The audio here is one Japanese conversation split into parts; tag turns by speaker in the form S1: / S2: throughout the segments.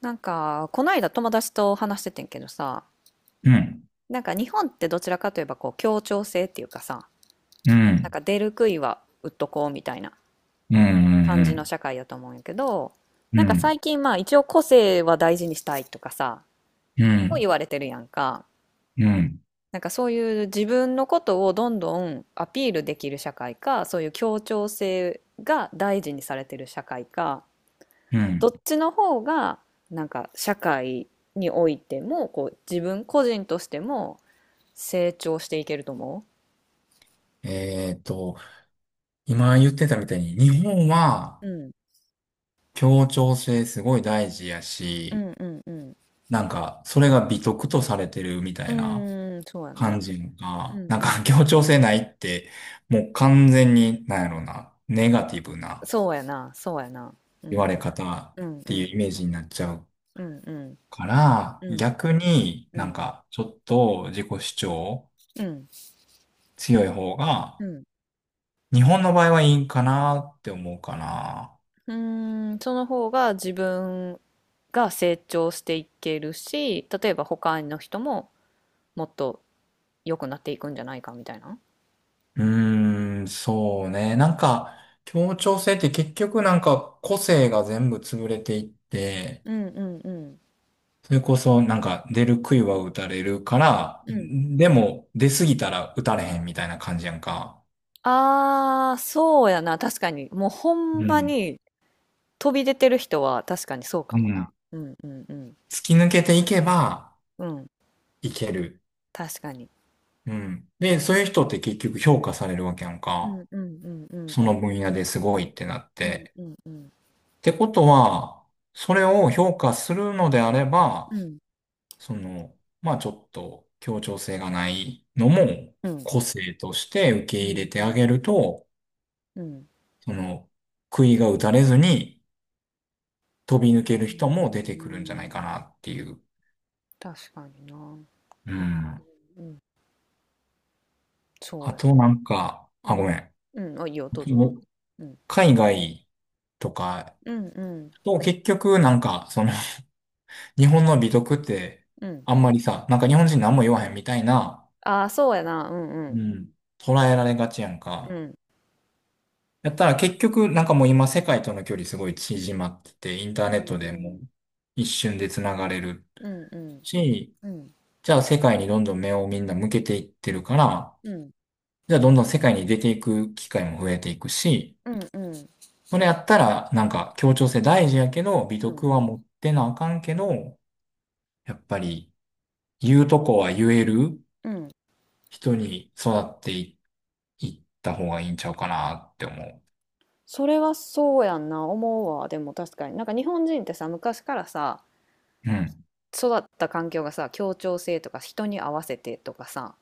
S1: なんか、この間友達と話しててんけどさ、
S2: うん、
S1: なんか日本ってどちらかといえばこう協調性っていうかさ、
S2: う
S1: なん
S2: ん、
S1: か出る杭は打っとこうみたいな
S2: うん、う
S1: 感じの
S2: ん、
S1: 社会やと思うんやけど、
S2: う
S1: なんか
S2: ん、
S1: 最近まあ一応個性は大事にしたいとかさ、
S2: う
S1: も言
S2: ん、
S1: われてるやんか。
S2: うん、
S1: なんかそういう自分のことをどんどんアピールできる社会か、そういう協調性が大事にされてる社会か、
S2: う
S1: ど
S2: ん。
S1: っちの方がなんか社会においてもこう自分個人としても成長していけると思
S2: えっと、今言ってたみたいに、日本は
S1: うん、
S2: 協調性すごい大事や
S1: う
S2: し、
S1: んうんうん
S2: なんか、それが美徳とされてるみた
S1: う
S2: いな
S1: ん。うーん、そうやな。
S2: 感じ
S1: う
S2: が、
S1: ん
S2: なん
S1: う
S2: か
S1: ん。
S2: 協調性ないって、もう完全に、なんやろうな、ネガティブな
S1: そうやな、そうやな。う
S2: 言
S1: ん、
S2: われ方っ
S1: うんう
S2: ていう
S1: ん、
S2: イメージになっちゃう
S1: うんうん。
S2: から、
S1: うん、
S2: 逆に
S1: う
S2: なん
S1: ん、
S2: か、ちょっと自己主張
S1: うん。
S2: 強い方
S1: う
S2: が、
S1: ん。
S2: 日本の場合はいいんかなって思うかな。
S1: うーん、その方が自分が成長していけるし、例えば他の人ももっと良くなっていくんじゃないかみたいな。
S2: うーん、そうね。なんか、協調性って結局なんか個性が全部潰れていって、
S1: うんうんうん。
S2: それこそなんか出る杭は打たれるから、
S1: うん。
S2: んでも出すぎたら打たれへんみたいな感じやんか。
S1: ああ、そうやな、確かに。もうほ
S2: う
S1: んま
S2: ん。
S1: に飛び出てる人は確かにそうか
S2: う
S1: もな。
S2: ん。
S1: うんうんうん。
S2: 突き抜けていけば
S1: うん、
S2: いける。
S1: 確かに。
S2: うん。で、そういう人って結局評価されるわけやん
S1: う
S2: か。
S1: んうんうんうん
S2: そ
S1: うん。
S2: の分野ですごいってなっ
S1: うん
S2: て。
S1: うんうん。
S2: ってことは、それを評価するのであれ
S1: う
S2: ば、
S1: ん。
S2: その、まあちょっと協調性がないのも
S1: うん。
S2: 個性として受け
S1: う
S2: 入れ
S1: んう
S2: てあ
S1: ん。
S2: げると、
S1: うん。
S2: その、杭が打たれずに飛び抜ける
S1: う
S2: 人も出
S1: ー
S2: てくるんじゃないか
S1: ん。
S2: なっていう。
S1: 確かにな。うん。
S2: うん。
S1: うん、そ
S2: あ
S1: うや。
S2: となんか、
S1: う
S2: あ、ご
S1: ん。
S2: めん。
S1: うん、あ、いいよ、どうぞどう
S2: も
S1: ぞ。
S2: う
S1: うん。
S2: 海外とか、
S1: うんうん
S2: と結局なんか、その、日本の美徳って、
S1: うん。
S2: あんまりさ、なんか日本人何も言わへんみたいな、
S1: ああ、そうやな。うんう
S2: う
S1: ん。
S2: ん。捉えられがちやん
S1: う
S2: か。
S1: ん。
S2: やったら結局、なんかもう今世界との距離すごい縮まってて、インタ
S1: う
S2: ーネッ
S1: ん
S2: ト
S1: う
S2: でも
S1: ん。
S2: う一瞬で繋がれる
S1: うんうん。
S2: し、
S1: うん。
S2: じゃあ世界にどんどん目をみんな向けていってるから、
S1: うん。
S2: じゃあどんどん世界に出ていく機会も増えていくし、
S1: うんうん。
S2: それやったらなんか協調性大事やけど、美
S1: うん。
S2: 徳は持ってなあかんけど、やっぱり言うとこは言える
S1: うんああそうやなうんうんうんうんうんうんうんうんうんうんうんうん。
S2: 人に育っていいった方がいいんちゃうかなって思
S1: それはそうやんな。思うわ。でも確かに。なんか日本人ってさ、昔からさ、
S2: う。うん。
S1: 育った環境がさ協調性とか人に合わせてとかさ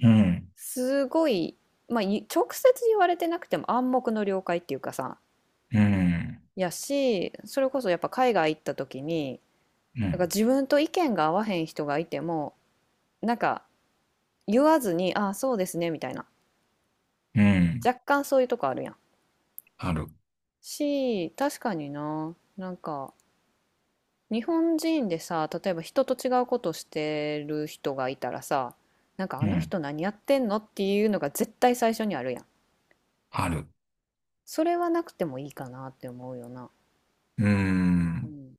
S2: うん。
S1: すごい、まあ、直接言われてなくても暗黙の了解っていうかさ
S2: うん、
S1: やしそれこそやっぱ海外行った時に
S2: う
S1: なんか
S2: ん、
S1: 自分と意見が合わへん人がいてもなんか言わずに「ああそうですね」みたいな
S2: うん、
S1: 若干そういうとこあるやん。
S2: ある。
S1: し確かにななんか日本人でさ例えば人と違うことしてる人がいたらさなんかあ
S2: う
S1: の
S2: ん、
S1: 人何やってんのっていうのが絶対最初にあるやん。
S2: ある。
S1: それはなくてもいいかなって思うよな。
S2: う
S1: う
S2: ん。
S1: ん。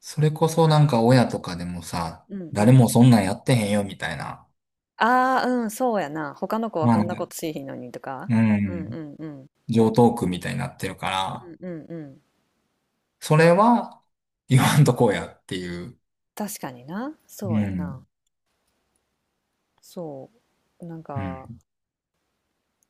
S2: それこそなんか親とかでもさ、
S1: うんう
S2: 誰
S1: ん。
S2: もそんなんやってへんよみたいな、
S1: ああ、うん、そうやな。他の子は
S2: まあ
S1: こ
S2: な
S1: ん
S2: ん
S1: な
S2: ねか
S1: ことしいひんのにとか。
S2: う
S1: うんう
S2: ん、
S1: んうん。
S2: 常套句みたいになってるから、
S1: うんうんうん。
S2: それは言わんとこうやっていう。
S1: 確かにな。そう
S2: う
S1: やな。
S2: ん、
S1: そう。なん
S2: う
S1: か、
S2: ん、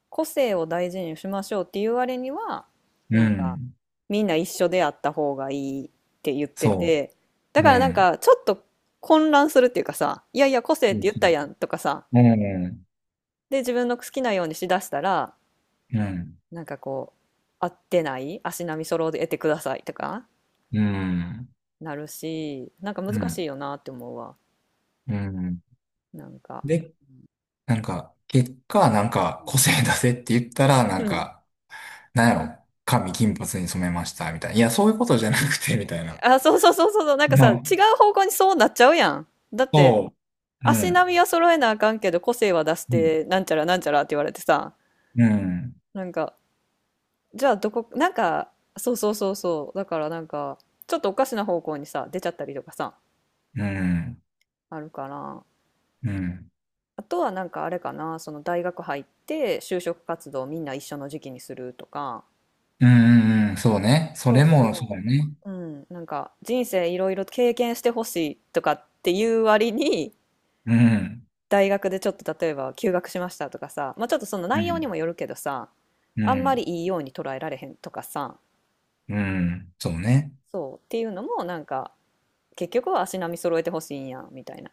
S1: 個性を大事にしましょうっていう割には、
S2: う
S1: なんか、
S2: ん、
S1: みんな一緒であった方がいいって言って
S2: そ
S1: て、だ
S2: う。う
S1: からなん
S2: ん。
S1: か、ちょっと混乱するっていうかさ、いやいや、個
S2: そ
S1: 性って
S2: う
S1: 言っ
S2: そう、
S1: たやんとかさ、
S2: うん、
S1: で、自分の好きなようにしだしたら、
S2: うん、うん。
S1: なんかこう、合ってない、足並み揃えてくださいとかなるし、なんか
S2: う
S1: 難し
S2: ん、
S1: いよなって思うわ。
S2: うん。
S1: なんか。
S2: でなんか、結果、なん
S1: う
S2: か、個
S1: ん。
S2: 性出せって言ったら、なん か、なんやろ、髪金髪に染めました、みたいな。いや、そういうことじゃなくて、みたいな。
S1: あ、そうそうそうそうそう、なんか
S2: う
S1: さ、違う
S2: ん。
S1: 方向にそうなっちゃうやん。だって、
S2: そう。う
S1: 足
S2: ん。
S1: 並みは揃えなあかんけど、個性は出し
S2: うん。
S1: て、なんちゃらなんちゃらって言われてさ、
S2: うん。
S1: なんか、じゃあどこ、なんか、そうそうそうそう、だからなんか、ちょっとおかしな方向にさ、出ちゃったりとかさ、
S2: うん。
S1: あるから、
S2: うん。
S1: あとはなんかあれかな、その大学入って就職活動みんな一緒の時期にするとか、
S2: うん。うんそうね。そ
S1: そう
S2: れも、そ
S1: そ
S2: うね。
S1: う。うん、なんか人生いろいろ経験してほしいとかっていう割に、
S2: うん。
S1: 大学でちょっと例えば休学しましたとかさ、まあちょっとその
S2: う
S1: 内容に
S2: ん。
S1: もよるけどさ、
S2: う
S1: あんまり
S2: ん。
S1: いいように捉えられへんとかさ、
S2: うん。そうね。
S1: そうっていうのもなんか結局は足並み揃えてほしいんやみたいな。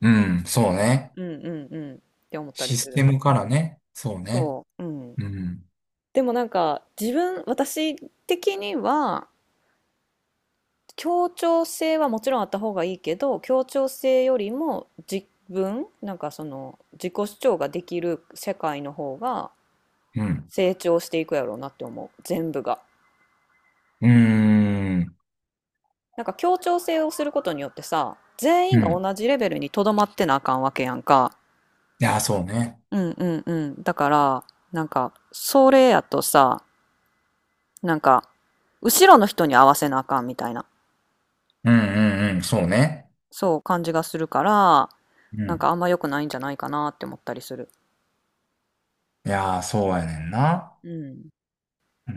S2: うん。
S1: う
S2: そう
S1: ん、
S2: ね。
S1: うんうんうんって思ったり
S2: シ
S1: す
S2: ステ
S1: る。
S2: ムからね。そうね。
S1: そう。うん。
S2: うん。
S1: でもなんか自分私的には協調性はもちろんあった方がいいけど、協調性よりも自分、なんかその自己主張ができる世界の方が
S2: うん。
S1: 成長していくやろうなって思う。全部が。
S2: うーん。
S1: なんか協調性をすることによってさ、全
S2: う
S1: 員が
S2: ん。
S1: 同じレベルにとどまってなあかんわけやんか。
S2: いや、そうね。
S1: うんうんうん。だから、なんか、それやとさ、なんか、後ろの人に合わせなあかんみたいな、
S2: うん。うん。うん。そうね。
S1: そう感じがするから、
S2: う
S1: なんか
S2: ん。
S1: あんま良くないんじゃないかなって思ったりする。
S2: いやー、そうやねんな。
S1: うん。
S2: うん。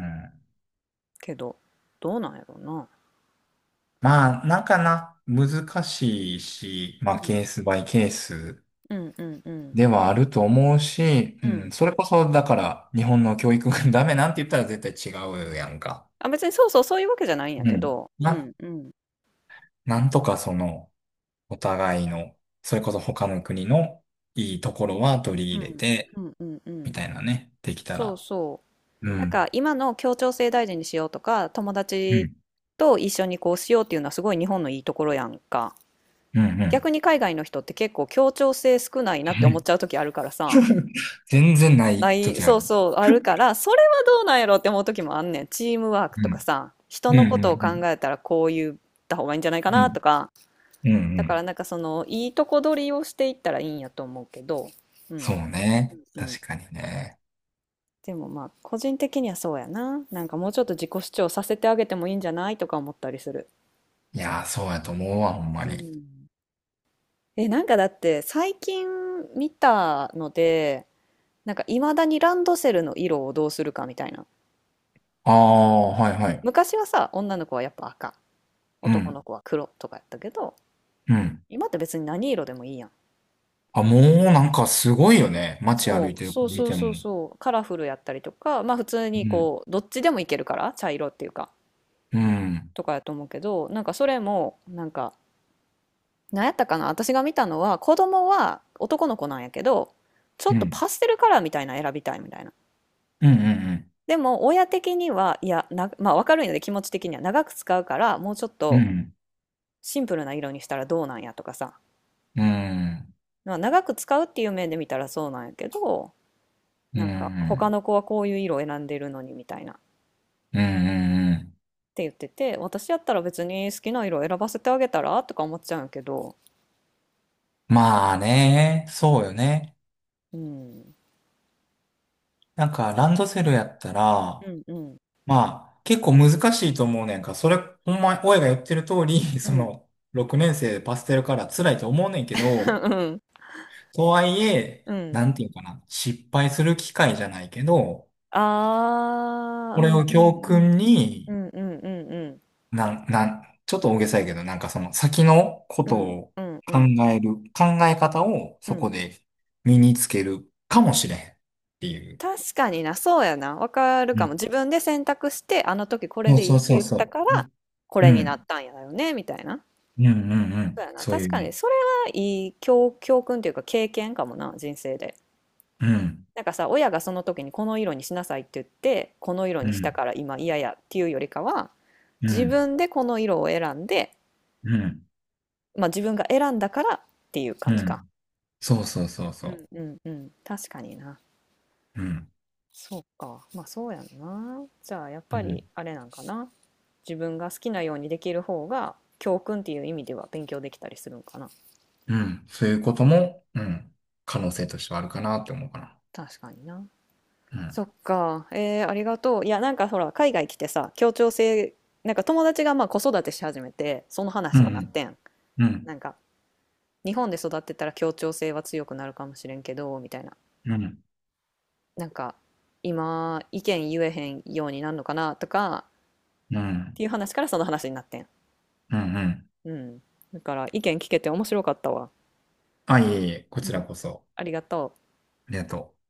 S1: けど、どうなんやろうな。
S2: まあ、なんかな、難しいし、ま
S1: う
S2: あ、
S1: ん。
S2: ケースバイケース
S1: うんうんうん
S2: ではあると思うし、
S1: う
S2: うん、
S1: ん。
S2: それこそ、だから、日本の教育が ダメなんて言ったら絶対違うやんか。
S1: あ、別にそうそうそういうわけじゃないんや
S2: う
S1: け
S2: ん。
S1: ど、うんうん
S2: なんとかその、お互いの、それこそ他の国のいいところは取り
S1: う
S2: 入れ
S1: ん
S2: て、
S1: うんうんう
S2: み
S1: ん。
S2: たいなね、できた
S1: そう
S2: ら。
S1: そ
S2: う
S1: う。なんか
S2: ん。
S1: 今の協調性大事にしようとか、友
S2: う
S1: 達
S2: ん。
S1: と一緒にこうしようっていうのはすごい日本のいいところやんか。
S2: うんうん。
S1: 逆に海外の人って結構協調性少ないなって思っちゃう 時あるからさ。
S2: 全然ない
S1: ない、
S2: 時あ
S1: そ
S2: る。
S1: うそう、あるから、それはどうなんやろって思う時もあんねん。チームワーク
S2: う
S1: とか
S2: ん。
S1: さ、
S2: う
S1: 人
S2: んう
S1: の
S2: ん
S1: ことを
S2: う
S1: 考
S2: ん
S1: えたらこう言った方がいいんじゃないか
S2: う
S1: な
S2: ん。
S1: とか、
S2: うんう
S1: だから
S2: ん。
S1: なんかそのいいとこ取りをしていったらいいんやと思うけど、うん
S2: そうね。
S1: うん
S2: 確かにね。
S1: でもまあ個人的にはそうやな。なんかもうちょっと自己主張させてあげてもいいんじゃないとか思ったりする。
S2: いやー、そうやと思うわ、ほんま
S1: う
S2: に。
S1: ん。え、なんかだって最近見たので、なんかいまだにランドセルの色をどうするかみたいな。
S2: ああ、はいはい。
S1: 昔はさ、女の子はやっぱ赤、
S2: う
S1: 男の
S2: ん。
S1: 子は黒とかやったけど、
S2: うん。
S1: 今って別に何色でもいいやん。
S2: あ、もうなんかすごいよね。街歩い
S1: そう、
S2: てる子
S1: そう
S2: 見
S1: そう
S2: ても。
S1: そうそう、カラフルやったりとか、まあ普通
S2: う
S1: に
S2: ん。
S1: こう、どっちでもいけるから、茶色っていうか、
S2: うん。
S1: とかやと思うけど、なんかそれも、なんか、なんやったかな、私が見たのは、子供は男の子なんやけど、ちょ
S2: う
S1: っと
S2: ん。
S1: パステルカラーみたいなの選びたいみたいな。
S2: うんうん
S1: でも、親的には、いや、な、まあわかるんやで、気持ち的には長く使うから、もうちょっ
S2: うん。う
S1: と
S2: ん。
S1: シンプルな色にしたらどうなんやとかさ、
S2: うん。
S1: まあ長く使うっていう面で見たらそうなんやけど、
S2: う
S1: なんか、他
S2: ん。
S1: の子はこういう色を選んでるのにみたいな。
S2: うんうんうん
S1: って言ってて、私やったら別に好きな色選ばせてあげたらとか思っちゃうんやけど、
S2: まあね。そうよね。
S1: うん、
S2: なんかランドセルやったら、
S1: うんうん、
S2: まあ、結構難しいと思うねんか。それ、ほんま、親が言ってる通り、
S1: う
S2: そ
S1: ん
S2: の、6年生でパステルカラー辛いと思うねんけ ど、
S1: うん、
S2: とはい え、
S1: うん。
S2: なんていうかな、失敗する機会じゃないけど、
S1: ああ、
S2: こ
S1: う
S2: れ
S1: ん
S2: を
S1: う
S2: 教訓
S1: んうん。う
S2: に、
S1: んうんうんうん。
S2: なん、なん、ちょっと大げさやけど、なんかその先のこ
S1: う
S2: と
S1: ん
S2: を
S1: うんう
S2: 考
S1: ん
S2: 考え方を
S1: う
S2: そ
S1: ん。
S2: こで身につけるかもしれんっていう。
S1: 確かにな、そうやな。わかる
S2: う
S1: か
S2: ん
S1: も。自分で選択して、あの時これ
S2: そう
S1: でいい
S2: そ
S1: っ
S2: う
S1: て
S2: そう
S1: 言った
S2: そ
S1: か
S2: う。う
S1: ら、
S2: ん。
S1: これ
S2: う
S1: になっ
S2: ん。
S1: たんやよね、みたいな。
S2: うんうんう
S1: そう
S2: ん。
S1: やな。
S2: そうい
S1: 確
S2: う意
S1: か
S2: 味。
S1: に、それはいい教訓というか経験かもな、人生で。
S2: うん。
S1: なんかさ、親がその時にこの色にしなさいって言って、この色
S2: う
S1: にした
S2: ん。
S1: から今嫌やっていうよりかは、
S2: う
S1: 自
S2: ん、
S1: 分でこの色を選んで、
S2: うん、
S1: まあ自分が選んだからっていう
S2: う
S1: 感じか。
S2: ん。そうそうそう
S1: うん
S2: そ
S1: うんうん。確かにな。
S2: う。うん、
S1: そうか。まあそうやんな。じゃあやっ
S2: う
S1: ぱ
S2: ん、
S1: りあれなんかな。自分が好きなようにできる方が教訓っていう意味では勉強できたりするんかな。
S2: うん。そういうことも、うん、
S1: う
S2: 可能
S1: ん。
S2: 性としてはあるかなって思うかな。
S1: 確かにな。そっか。ありがとう。いや、なんかほら、海外来てさ、協調性、なんか友達がまあ子育てし始めて、その
S2: う
S1: 話
S2: ん、う
S1: になっ
S2: ん、
S1: てん。
S2: うん、
S1: なんか、日本で育ってたら協調性は強くなるかもしれんけど、みたいな。
S2: うん、
S1: なんか、今、意見言えへんようになるのかなとか、っ
S2: うん、うん、
S1: ていう話からその話になってん。
S2: うん。うん
S1: うん。だから、意見聞けて面白かったわ。
S2: あ、いえいえ、こ
S1: う
S2: ちら
S1: ん。
S2: こそ。
S1: ありがとう。
S2: ありがとう。